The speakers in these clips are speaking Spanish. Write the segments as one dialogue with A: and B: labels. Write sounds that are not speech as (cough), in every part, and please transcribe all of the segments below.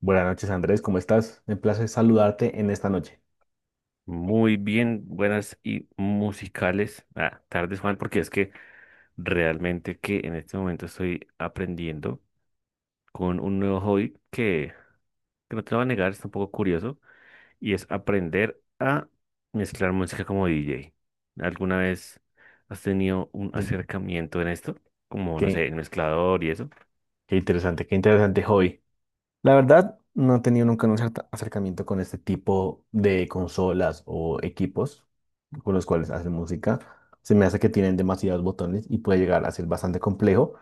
A: Buenas noches, Andrés, ¿cómo estás? Me place saludarte en esta noche.
B: Muy bien, buenas y musicales. Tardes, Juan, porque es que realmente que en este momento estoy aprendiendo con un nuevo hobby que no te lo voy a negar, es un poco curioso, y es aprender a mezclar música como DJ. ¿Alguna vez has tenido un
A: Mm,
B: acercamiento en esto? Como, no sé,
A: Qué,
B: el mezclador y eso.
A: qué interesante hobby. La verdad, no he tenido nunca un acercamiento con este tipo de consolas o equipos con los cuales hacen música. Se me hace que tienen demasiados botones y puede llegar a ser bastante complejo.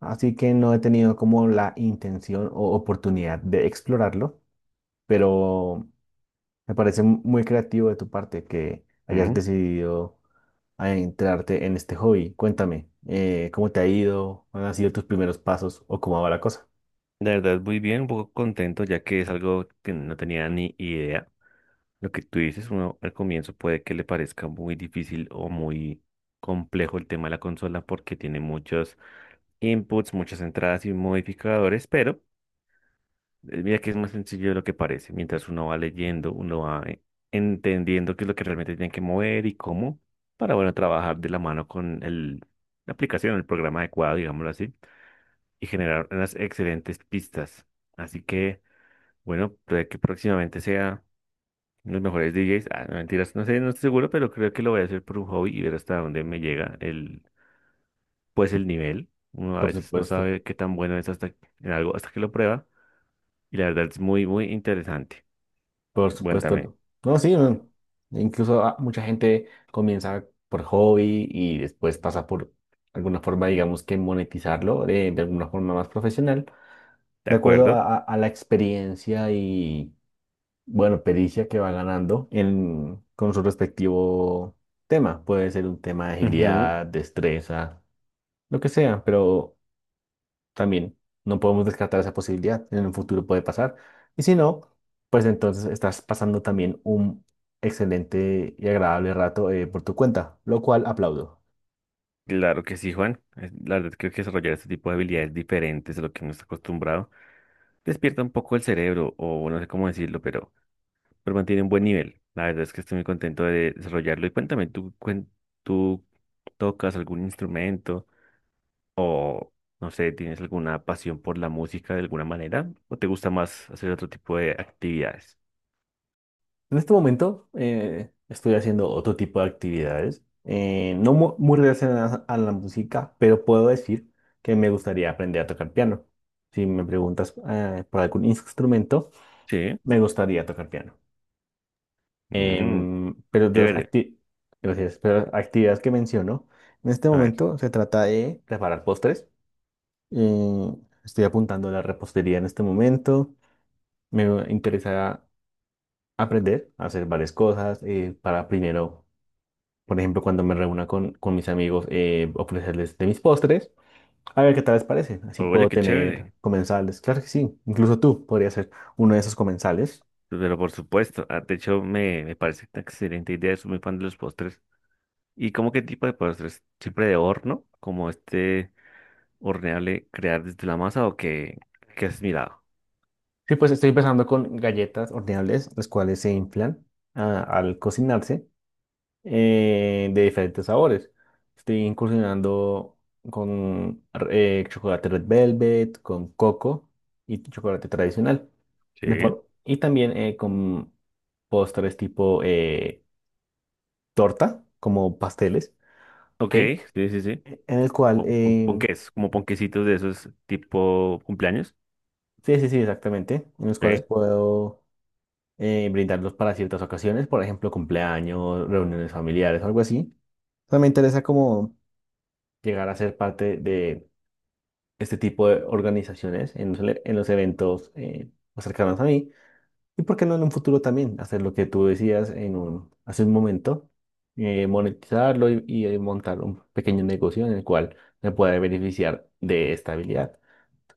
A: Así que no he tenido como la intención o oportunidad de explorarlo, pero me parece muy creativo de tu parte que hayas
B: Mm,
A: decidido a entrarte en este hobby. Cuéntame, ¿cómo te ha ido? ¿Cuáles han sido tus primeros pasos o cómo va la cosa?
B: la verdad, muy bien, un poco contento, ya que es algo que no tenía ni idea. Lo que tú dices, uno al comienzo puede que le parezca muy difícil o muy complejo el tema de la consola porque tiene muchos inputs, muchas entradas y modificadores, pero mira que es más sencillo de lo que parece. Mientras uno va leyendo, uno va entendiendo qué es lo que realmente tiene que mover y cómo para, bueno, trabajar de la mano con la aplicación, el programa adecuado, digámoslo así, y generar unas excelentes pistas. Así que, bueno, puede que próximamente sea los mejores DJs, ah, no, mentiras, no sé, no estoy seguro, pero creo que lo voy a hacer por un hobby y ver hasta dónde me llega pues el nivel. Uno a
A: Por
B: veces no
A: supuesto,
B: sabe qué tan bueno es hasta en algo hasta que lo prueba, y la verdad es muy, muy interesante.
A: por
B: Bueno, también,
A: supuesto. No, sí, no. Incluso mucha gente comienza por hobby y después pasa por alguna forma, digamos que monetizarlo de alguna forma más profesional,
B: ¿de
A: de acuerdo
B: acuerdo?
A: a la experiencia y, bueno, pericia que va ganando en, con su respectivo tema. Puede ser un tema de
B: Ujú.
A: agilidad, destreza, lo que sea, pero también no podemos descartar esa posibilidad. En el futuro puede pasar. Y si no, pues entonces estás pasando también un excelente y agradable rato por tu cuenta, lo cual aplaudo.
B: Claro que sí, Juan. La verdad creo que desarrollar este tipo de habilidades diferentes a lo que uno está acostumbrado despierta un poco el cerebro o no sé cómo decirlo, pero mantiene un buen nivel. La verdad es que estoy muy contento de desarrollarlo. Y cuéntame, ¿tú, tú tocas algún instrumento o, no sé, tienes alguna pasión por la música de alguna manera? ¿O te gusta más hacer otro tipo de actividades?
A: En este momento estoy haciendo otro tipo de actividades, no muy relacionadas a la música, pero puedo decir que me gustaría aprender a tocar piano. Si me preguntas por algún instrumento,
B: Sí.
A: me gustaría tocar piano.
B: Mm,
A: Pero de las
B: chévere.
A: gracias, pero las actividades que menciono, en este
B: A ver.
A: momento se trata de preparar postres. Eh, estoy apuntando a la repostería en este momento. Me interesa aprender a hacer varias cosas para primero, por ejemplo, cuando me reúna con mis amigos, ofrecerles de mis postres. A ver qué tal les parece. Así
B: Oye,
A: puedo
B: qué
A: tener
B: chévere.
A: comensales. Claro que sí. Incluso tú podrías ser uno de esos comensales.
B: Pero por supuesto, de hecho me, me parece una excelente idea, soy muy fan de los postres. ¿Y cómo qué tipo de postres? ¿Siempre de horno? ¿Como este horneable crear desde la masa o qué, qué has mirado?
A: Sí, pues estoy empezando con galletas horneables, las cuales se inflan al cocinarse de diferentes sabores. Estoy incursionando con chocolate red velvet, con coco y chocolate tradicional.
B: Sí.
A: Y también con postres tipo torta, como pasteles,
B: Ok,
A: cake,
B: sí, sí, sí.
A: e, en el cual,
B: Ponques, como ponquecitos de esos tipo cumpleaños.
A: sí, sí, sí, exactamente, en los cuales
B: ¿Ok?
A: puedo brindarlos para ciertas ocasiones, por ejemplo, cumpleaños, reuniones familiares o algo así. O sea, me interesa como llegar a ser parte de este tipo de organizaciones en en los eventos más cercanos a mí. Y por qué no en un futuro también hacer lo que tú decías en un, hace un momento, monetizarlo montar un pequeño negocio en el cual me pueda beneficiar de esta habilidad.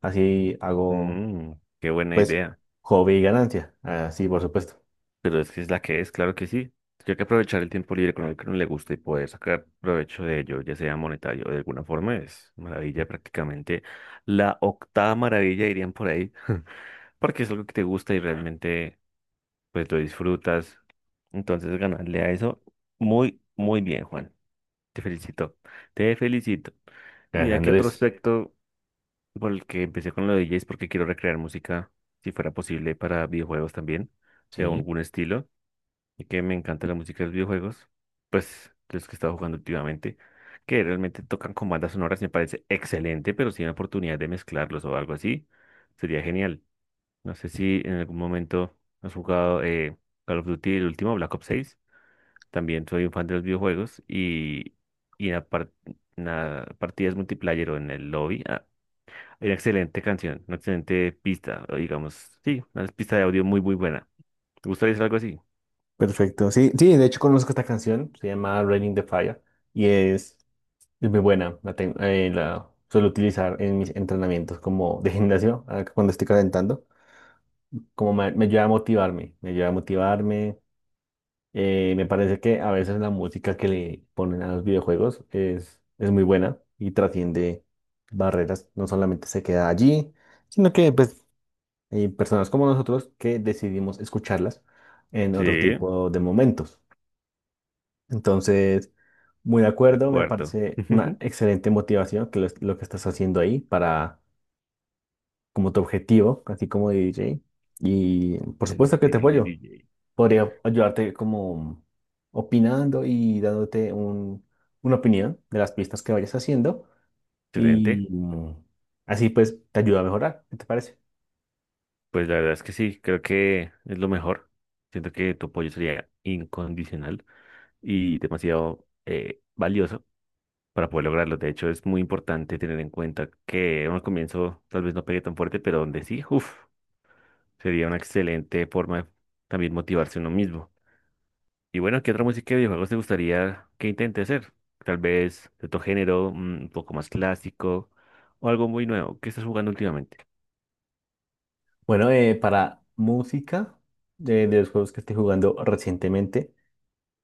A: Así hago,
B: Mm, qué buena
A: pues,
B: idea.
A: hobby y ganancia. Así, por supuesto.
B: Pero es que es la que es, claro que sí. Hay que aprovechar el tiempo libre con el que no le gusta y poder sacar provecho de ello, ya sea monetario o de alguna forma, es maravilla prácticamente. La octava maravilla dirían por ahí, (laughs) porque es algo que te gusta y realmente pues lo disfrutas. Entonces ganarle a eso, muy, muy bien, Juan. Te felicito, te felicito. Y
A: Gracias,
B: mira que otro
A: Andrés.
B: aspecto por el que empecé con lo de DJ es porque quiero recrear música, si fuera posible, para videojuegos también, de
A: Sí.
B: algún estilo, y que me encanta la música de los videojuegos, pues de los que he estado jugando últimamente, que realmente tocan con bandas sonoras, me parece excelente, pero si hay una oportunidad de mezclarlos o algo así, sería genial. No sé si en algún momento has jugado Call of Duty, el último, Black Ops seis. También soy un fan de los videojuegos y, y en, la par- en la partidas multiplayer o en el lobby hay una excelente canción, una excelente pista, o digamos, sí, una pista de audio muy, muy buena. ¿Te gustaría hacer algo así?
A: Perfecto. Sí, sí, de hecho conozco esta canción, se llama Raining the Fire y es muy buena. La suelo utilizar en mis entrenamientos como de gimnasio, cuando estoy calentando, como me ayuda a motivarme, me ayuda a motivarme. Me parece que a veces la música que le ponen a los videojuegos es muy buena y trasciende barreras, no solamente se queda allí, sino que pues, hay personas como nosotros que decidimos escucharlas en
B: Sí,
A: otro
B: de
A: tipo de momentos. Entonces, muy de acuerdo, me
B: acuerdo.
A: parece una
B: (laughs)
A: excelente motivación que lo que estás haciendo ahí para como tu objetivo, así como DJ. Y por
B: El
A: supuesto que te apoyo.
B: DJ.
A: Podría ayudarte como opinando y dándote un, una opinión de las pistas que vayas haciendo
B: Excelente.
A: y así pues te ayuda a mejorar, ¿qué te parece?
B: Pues la verdad es que sí, creo que es lo mejor. Siento que tu apoyo sería incondicional y demasiado valioso para poder lograrlo. De hecho, es muy importante tener en cuenta que en un comienzo tal vez no pegue tan fuerte, pero donde sí, uff, sería una excelente forma de también motivarse uno mismo. Y bueno, ¿qué otra música de videojuegos te gustaría que intente hacer? Tal vez de otro género, mm, un poco más clásico o algo muy nuevo. ¿Qué estás jugando últimamente?
A: Bueno, para música de los juegos que estoy jugando recientemente.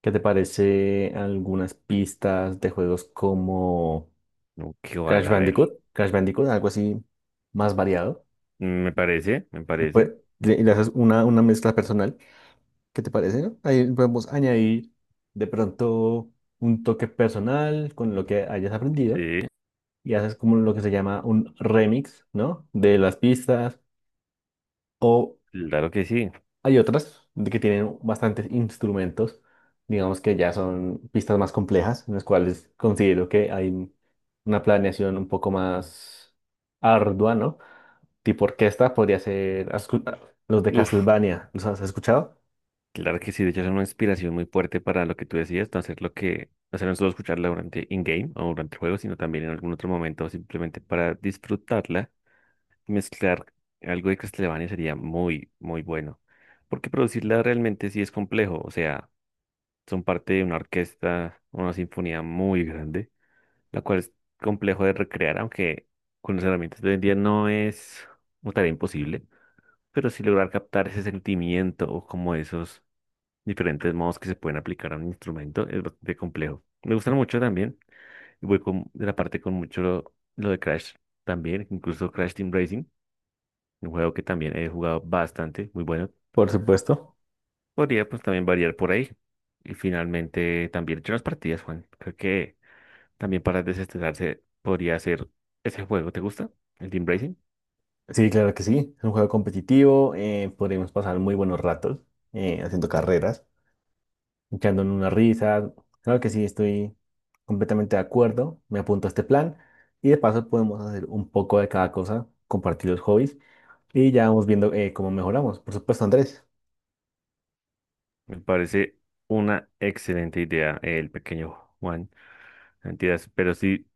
A: ¿Qué te parece algunas pistas de juegos como
B: No, qué
A: Crash
B: vale, a ver.
A: Bandicoot? Crash Bandicoot, algo así más variado.
B: Mm, me parece, me
A: Después
B: parece.
A: le haces una mezcla personal. ¿Qué te parece, no? Ahí podemos añadir de pronto un toque personal con lo que hayas aprendido
B: Sí,
A: y haces como lo que se llama un remix, ¿no? De las pistas o
B: claro que sí.
A: hay otras de que tienen bastantes instrumentos, digamos que ya son pistas más complejas, en las cuales considero que hay una planeación un poco más ardua, ¿no? Tipo orquesta podría ser los de
B: Uf.
A: Castlevania, ¿los has escuchado?
B: Claro que sí, de hecho es una inspiración muy fuerte para lo que tú decías, no hacer lo que, o sea, no solo escucharla durante in-game o durante el juego, sino también en algún otro momento, simplemente para disfrutarla, mezclar algo de Castlevania sería muy, muy bueno, porque producirla realmente sí es complejo, o sea, son parte de una orquesta, una sinfonía muy grande, la cual es complejo de recrear, aunque con las herramientas de hoy en día no es una tarea imposible, pero sí lograr captar ese sentimiento o como esos diferentes modos que se pueden aplicar a un instrumento es bastante complejo. Me gustan mucho también. Y voy con, de la parte con mucho lo de Crash también, incluso Crash Team Racing, un juego que también he jugado bastante, muy bueno.
A: Por supuesto.
B: Podría pues también variar por ahí. Y finalmente también he hecho unas partidas, Juan. Creo que también para desestresarse podría ser ese juego. ¿Te gusta? El Team Racing.
A: Sí, claro que sí. Es un juego competitivo, podríamos pasar muy buenos ratos haciendo carreras. Echando en una risa. Claro que sí, estoy completamente de acuerdo. Me apunto a este plan. Y de paso podemos hacer un poco de cada cosa, compartir los hobbies y ya vamos viendo cómo mejoramos. Por supuesto, Andrés.
B: Me parece una excelente idea el pequeño Juan. Mentiras, pero sí.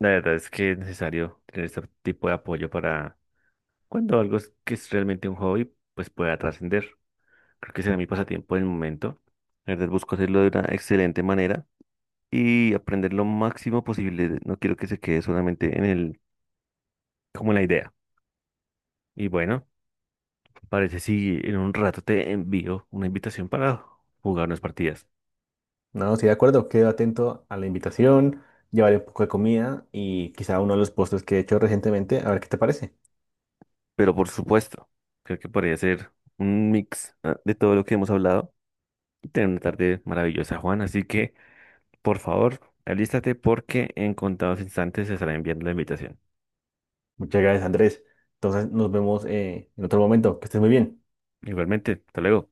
B: La verdad es que es necesario tener este tipo de apoyo para cuando algo que es realmente un hobby, pues pueda trascender. Creo que será mi pasatiempo en el momento. La verdad busco hacerlo de una excelente manera y aprender lo máximo posible. No quiero que se quede solamente en como en la idea. Y bueno, parece si en un rato te envío una invitación para jugar unas partidas.
A: No, sí, de acuerdo. Quedo atento a la invitación, llevaré un poco de comida y quizá uno de los postres que he hecho recientemente. A ver qué te parece.
B: Pero por supuesto, creo que podría ser un mix de todo lo que hemos hablado y tener una tarde maravillosa, Juan. Así que... Por favor, alístate porque en contados instantes se estará enviando la invitación.
A: Muchas gracias, Andrés. Entonces nos vemos en otro momento. Que estés muy bien.
B: Igualmente, hasta luego.